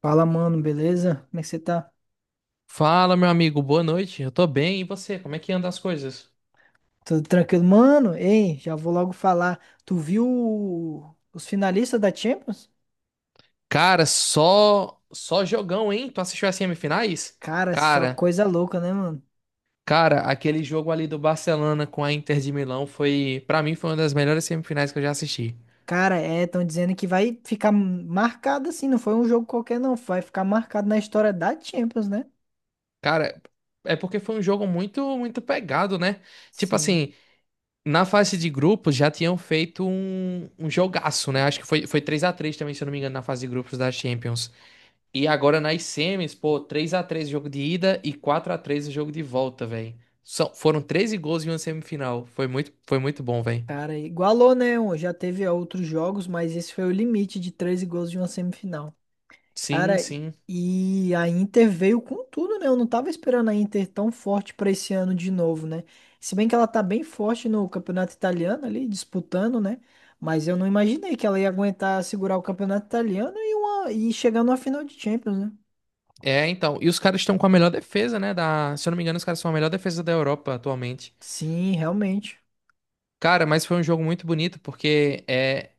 Fala, mano, beleza? Como é que você tá? Fala, meu amigo, boa noite. Eu tô bem, e você? Como é que anda as coisas? Tudo tranquilo? Mano, ei, já vou logo falar. Tu viu os finalistas da Champions? Cara, só jogão, hein? Tu assistiu as semifinais? Cara, é só Cara, coisa louca, né, mano? cara, aquele jogo ali do Barcelona com a Inter de Milão foi, pra mim, foi uma das melhores semifinais que eu já assisti. Cara, é, estão dizendo que vai ficar marcado assim, não foi um jogo qualquer, não. Vai ficar marcado na história da Champions, né? Cara, é porque foi um jogo muito muito pegado, né? Tipo Sim. assim, na fase de grupos já tinham feito um jogaço, né? Acho que foi 3-3 também, se eu não me engano, na fase de grupos da Champions. E agora nas semis, pô, 3-3 o jogo de ida e 4-3 o jogo de volta, velho. Foram 13 gols em uma semifinal. Foi muito bom, velho. Cara, igualou, né? Já teve outros jogos, mas esse foi o limite de 13 gols de uma semifinal. Sim, Cara, sim. e a Inter veio com tudo, né? Eu não tava esperando a Inter tão forte pra esse ano de novo, né? Se bem que ela tá bem forte no campeonato italiano ali, disputando, né? Mas eu não imaginei que ela ia aguentar segurar o campeonato italiano e, uma, e chegar numa final de Champions, né? É, então. E os caras estão com a melhor defesa, né? Se eu não me engano, os caras são a melhor defesa da Europa atualmente. Sim, realmente. Cara, mas foi um jogo muito bonito, porque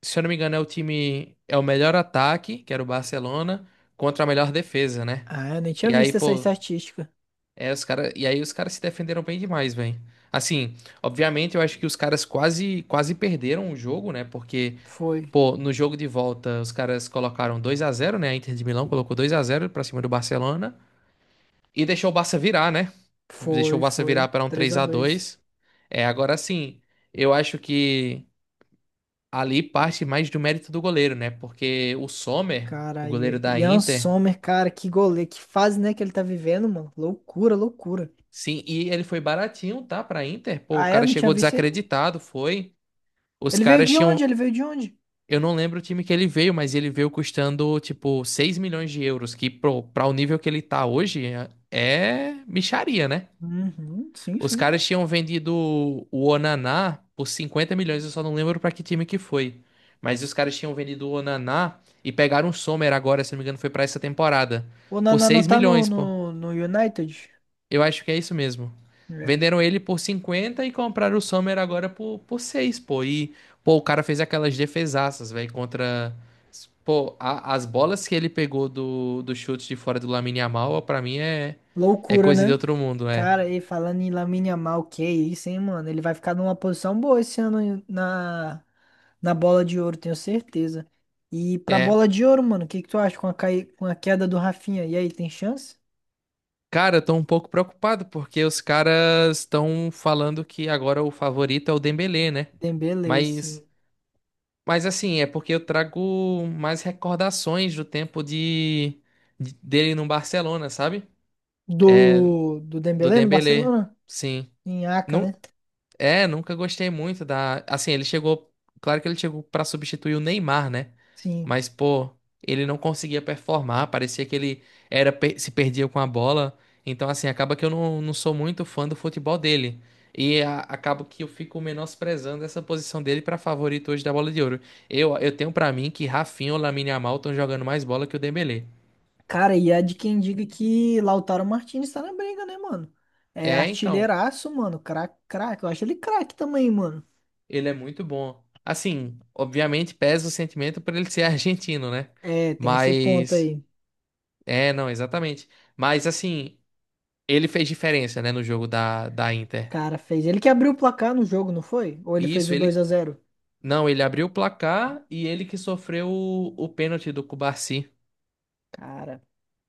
se eu não me engano, é o time. É o melhor ataque, que era o Barcelona, contra a melhor defesa, né? Ah, eu nem tinha E aí, visto essa pô. estatística. E aí os caras se defenderam bem demais, velho. Assim, obviamente eu acho que os caras quase quase perderam o jogo, né? Porque, Foi, pô, no jogo de volta os caras colocaram 2-0, né? A Inter de Milão colocou 2-0 pra cima do Barcelona e deixou o Barça virar, né? Deixou foi, o Barça virar foi. para um Três 3 a a dois. 2. É, agora sim, eu acho que ali parte mais do mérito do goleiro, né? Porque o Sommer, o Cara, goleiro e da Ian Inter, Sommer, cara, que goleiro, que fase, né, que ele tá vivendo, mano. Loucura, loucura. sim, e ele foi baratinho, tá, pra Inter. Pô, o Ah, é? Eu cara não tinha chegou visto ainda. desacreditado, foi. Os caras tinham. Ele veio de onde? Eu não lembro o time que ele veio, mas ele veio custando, tipo, 6 milhões de euros, que pra o nível que ele tá hoje é mixaria, né? Uhum, sim, Os sim. caras tinham vendido o Onaná por 50 milhões, eu só não lembro pra que time que foi. Mas os caras tinham vendido o Onaná e pegaram o Sommer agora, se não me engano, foi pra essa temporada, O por Naná não 6 tá milhões, pô. No United? Eu acho que é isso mesmo. É. Venderam ele por 50 e compraram o Sommer agora por 6, pô. E, pô, o cara fez aquelas defesaças, velho, contra. Pô, as bolas que ele pegou do chute de fora do Lamine Yamal, pra mim é Loucura, coisa de né? outro mundo, é. Cara, e falando em Lamine Yamal, que isso, hein, mano? Ele vai ficar numa posição boa esse ano na bola de ouro, tenho certeza. E pra É. bola de ouro, mano, o que que tu acha com a, com a queda do Rafinha? E aí, tem chance? Cara, eu tô um pouco preocupado porque os caras estão falando que agora o favorito é o Dembélé, né? Dembélé, sim. Mas. Mas assim, é porque eu trago mais recordações do tempo de, dele no Barcelona, sabe? Do, do Do Dembélé no Dembélé, Barcelona? sim. Em Aca, né? É, nunca gostei muito da. Assim, ele chegou. Claro que ele chegou pra substituir o Neymar, né? Sim. Mas, pô, ele não conseguia performar. Parecia que ele se perdia com a bola. Então, assim, acaba que eu não sou muito fã do futebol dele. Acabo que eu fico menosprezando essa posição dele pra favorito hoje da Bola de Ouro. Eu tenho pra mim que Rafinha ou Lamine Yamal estão jogando mais bola que o Dembélé. Cara, e há de quem diga que Lautaro Martínez tá na briga, né, mano? É É, então, artilheiraço, mano. Craque, craque. Eu acho ele craque também, mano. ele é muito bom. Assim, obviamente pesa o sentimento por ele ser argentino, né? É, tem esse ponto Mas. aí. É, não, exatamente. Mas assim, ele fez diferença, né, no jogo da, da Inter. Cara, fez. Ele que abriu o placar no jogo, não foi? Ou ele fez Isso, o dois ele. a zero? Não, ele abriu o placar e ele que sofreu o pênalti do Cubarsi. Cara,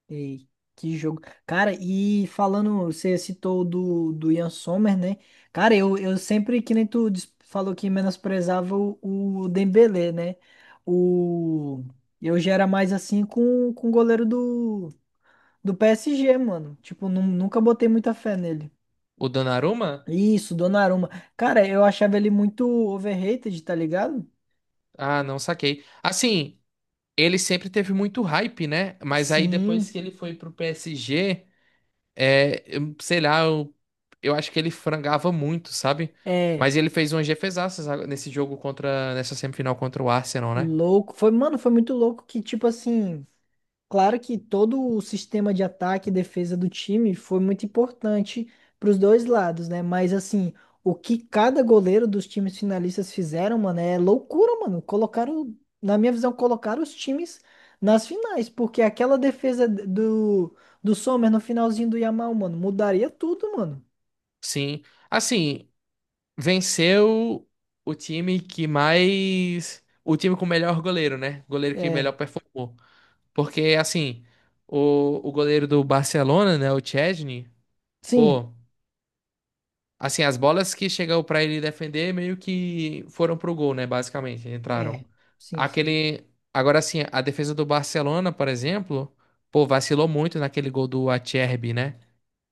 ei, que jogo. Cara, e falando, você citou o do, do Ian Sommer, né? Cara, eu sempre, que nem falou que menosprezava o Dembélé, né? O. Eu já era mais assim com o goleiro do. Do PSG, mano. Tipo, nunca botei muita fé nele. O Donnarumma? Isso, Donnarumma. Cara, eu achava ele muito overrated, tá ligado? Ah, não saquei. Assim, ele sempre teve muito hype, né? Mas aí depois Sim, que ele foi pro PSG, sei lá, eu acho que ele frangava muito, sabe? é Mas ele fez umas defesaças nesse jogo nessa semifinal contra o Arsenal, né? louco. Foi, mano, foi muito louco que, tipo assim, claro que todo o sistema de ataque e defesa do time foi muito importante para os dois lados, né? Mas assim, o que cada goleiro dos times finalistas fizeram, mano, é loucura, mano. Colocaram, na minha visão, colocaram os times nas finais, porque aquela defesa do, do Sommer no finalzinho do Yamal, mano, mudaria tudo, mano. Sim. Assim, venceu o time que mais. O time com o melhor goleiro, né? Goleiro que melhor É, performou. Porque, assim, o goleiro do Barcelona, né? O Chesney, sim, pô, assim, as bolas que chegou pra ele defender meio que foram pro gol, né? Basicamente, entraram. é, sim. Aquele. Agora, assim, a defesa do Barcelona, por exemplo, pô, vacilou muito naquele gol do Acerbi, né?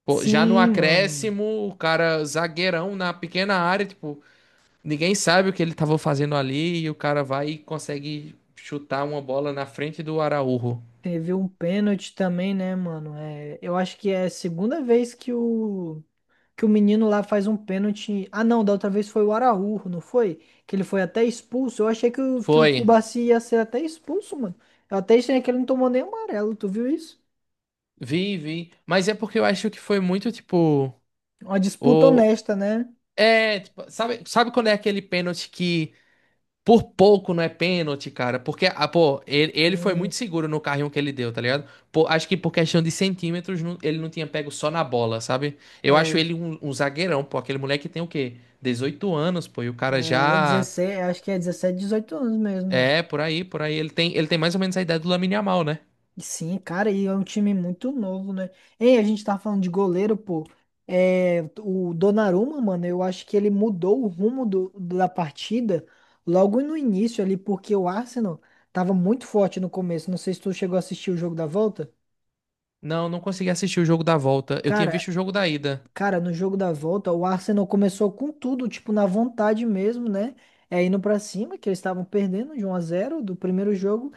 Pô, já no Sim, mano. acréscimo, o cara zagueirão na pequena área, tipo. Ninguém sabe o que ele estava fazendo ali e o cara vai e consegue chutar uma bola na frente do Araújo. Teve um pênalti também, né, mano? É, eu acho que é a segunda vez que o menino lá faz um pênalti. Ah, não, da outra vez foi o Araújo, não foi? Que ele foi até expulso. Eu achei que o Foi. Kubassi ia ser até expulso, mano. Eu até achei que ele não tomou nem amarelo, tu viu isso? Vi, vi. Mas é porque eu acho que foi muito tipo. Uma disputa O... honesta, né? É, tipo, sabe quando é aquele pênalti que por pouco não é pênalti, cara? Porque, ah, pô, ele foi E, muito seguro no carrinho que ele deu, tá ligado? Pô, acho que por questão de centímetros ele não tinha pego só na bola, sabe? Eu acho é, ele um, um zagueirão, pô. Aquele moleque tem o quê? 18 anos, pô. E o cara é já. 16, acho que é 17, 18 anos mesmo. É, por aí, por aí. Ele tem mais ou menos a ideia do Lamine Yamal, né? Sim, cara, e é um time muito novo, né? Ei, a gente tá falando de goleiro, pô. É, o Donnarumma, mano, eu acho que ele mudou o rumo do, da partida logo no início ali, porque o Arsenal tava muito forte no começo. Não sei se tu chegou a assistir o jogo da volta. Não, não consegui assistir o jogo da volta. Eu tinha Cara, visto o jogo da ida. Cara, no jogo da volta, o Arsenal começou com tudo, tipo, na vontade mesmo, né? É indo pra cima, que eles estavam perdendo de um a zero do primeiro jogo.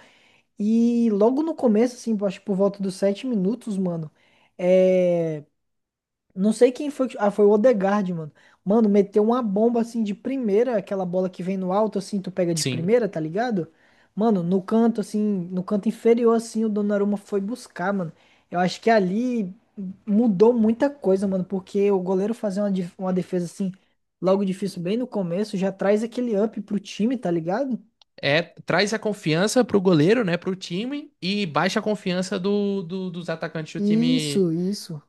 E logo no começo, assim, acho que por volta dos sete minutos, mano, é... não sei quem foi. Ah, foi o Odegaard, mano. Mano, meteu uma bomba, assim, de primeira, aquela bola que vem no alto, assim, tu pega de Sim. primeira, tá ligado? Mano, no canto, assim, no canto inferior, assim, o Donnarumma foi buscar, mano. Eu acho que ali mudou muita coisa, mano, porque o goleiro fazer uma defesa, assim, logo difícil, bem no começo, já traz aquele up pro time, tá ligado? É, traz a confiança pro goleiro, né? Pro time e baixa a confiança dos atacantes do time. Isso, isso.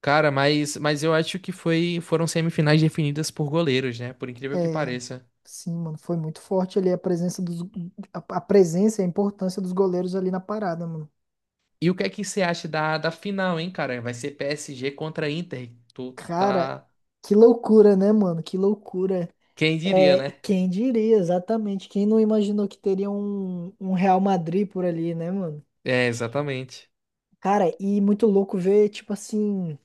Cara, mas eu acho que foram semifinais definidas por goleiros, né? Por incrível que É, pareça. sim, mano, foi muito forte ali a presença dos, a presença e a importância dos goleiros ali na parada, mano. E o que é que você acha da, da final, hein, cara? Vai ser PSG contra Inter. Tu Cara, tá. que loucura, né, mano? Que loucura. Quem diria, É, né? quem diria exatamente? Quem não imaginou que teria um, um Real Madrid por ali, né, mano? É, exatamente. Cara, e muito louco ver, tipo assim,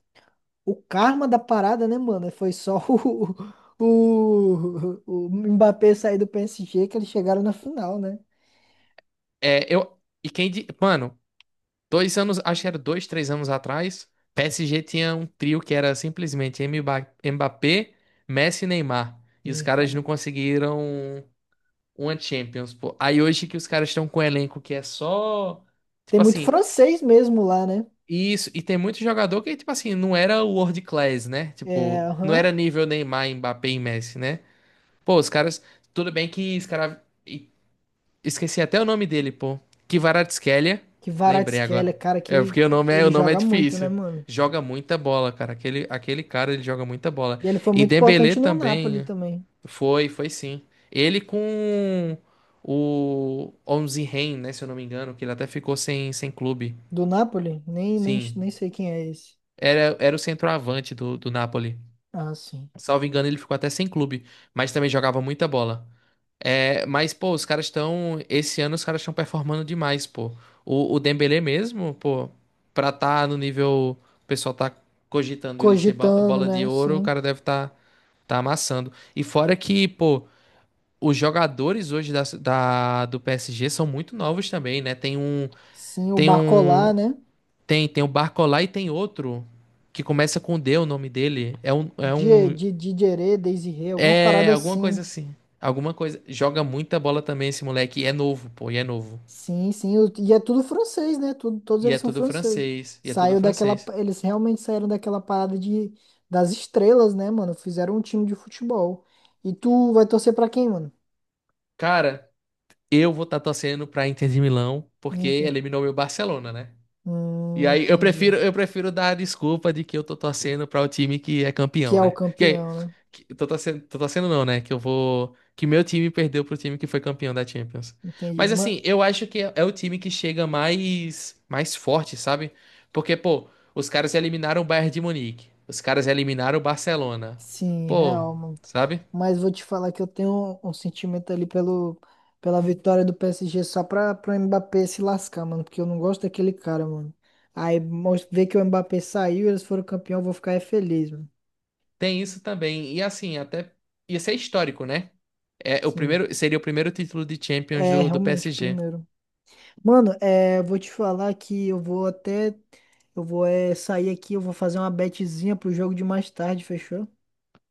o karma da parada, né, mano? Foi só o Mbappé sair do PSG que eles chegaram na final, né? É, eu. E quem. Di- Mano. 2 anos, acho que era 2, 3 anos atrás, PSG tinha um trio que era simplesmente Mbappé, Messi e Neymar. E os Sim, caras não cara. conseguiram uma Champions, pô. Aí hoje que os caras estão com um elenco que é só. Tem Tipo muito assim, francês mesmo lá, né? isso. E tem muito jogador que, tipo assim, não era world class, né? É, Tipo, não aham. era nível Neymar, Mbappé e Messi, né? Pô, os caras. Tudo bem que os caras. Esqueci até o nome dele, pô. Kvaratskhelia. Que Lembrei agora. Kvaratskhelia, cara, É que porque ele o nome é joga muito, né, difícil. mano? Joga muita bola, cara. Aquele cara, ele joga muita bola. E ele foi E muito Dembélé importante no também, Napoli né? também. Foi, foi sim. Ele com o Onze Ren, né, se eu não me engano, que ele até ficou sem clube. Do Napoli? Sim. Nem sei quem é esse. Era o centroavante do Napoli. Ah, sim. Salvo engano, ele ficou até sem clube, mas também jogava muita bola. É, mas, pô, os caras estão. Esse ano os caras estão performando demais, pô. O Dembélé mesmo, pô, pra tá no nível. O pessoal tá cogitando ele ser Cogitando, bola de né? ouro, o Sim. cara deve tá, tá amassando. E fora que, pô, os jogadores hoje da, do PSG são muito novos também, né? Tem um. Sim, o Tem um. Barcola, né? Tem o Barcola e tem outro. Que começa com D, o nome dele. Dideré, Desiré, alguma parada Alguma assim. coisa assim. Alguma coisa. Joga muita bola também esse moleque. E é novo, pô, e é novo. Sim, sim. E é tudo francês, né? Tudo, todos E eles é são tudo franceses. francês. E é tudo Saiu daquela. francês. Eles realmente saíram daquela parada de, das estrelas, né, mano? Fizeram um time de futebol. E tu vai torcer pra quem, mano? Cara, eu vou estar torcendo pra Inter de Milão, porque Inter. eliminou meu Barcelona, né? E aí eu Entendi. prefiro, eu prefiro dar a desculpa de que eu tô torcendo para o time que é Que campeão, é o né? Que aí, campeão, né? Tô torcendo não, né? Que meu time perdeu pro time que foi campeão da Champions. Entendi. Mas Ma- assim, eu acho que é o time que chega mais forte, sabe? Porque, pô, os caras eliminaram o Bayern de Munique, os caras eliminaram o Barcelona. Sim, Pô, real, mano. sabe? Mas vou te falar que eu tenho um, um sentimento ali pelo, pela vitória do PSG só pra Mbappé se lascar, mano. Porque eu não gosto daquele cara, mano. Aí ver que o Mbappé saiu e eles foram campeão, eu vou ficar é feliz, mano. Tem isso também. E assim, até ia ser histórico, né? É o Sim. primeiro, seria o primeiro título de Champions É, do realmente, o PSG. primeiro. Mano, é, eu vou te falar que eu vou até. Eu vou é, sair aqui, eu vou fazer uma betezinha pro jogo de mais tarde, fechou?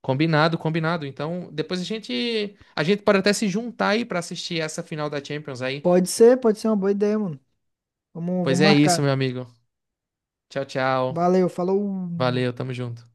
Combinado, combinado. Então, depois a gente pode até se juntar aí pra assistir essa final da Champions aí. Pode ser uma boa ideia, mano. Pois Vamos é isso, marcar. meu amigo. Tchau, tchau. Valeu, falou. Valeu, tamo junto.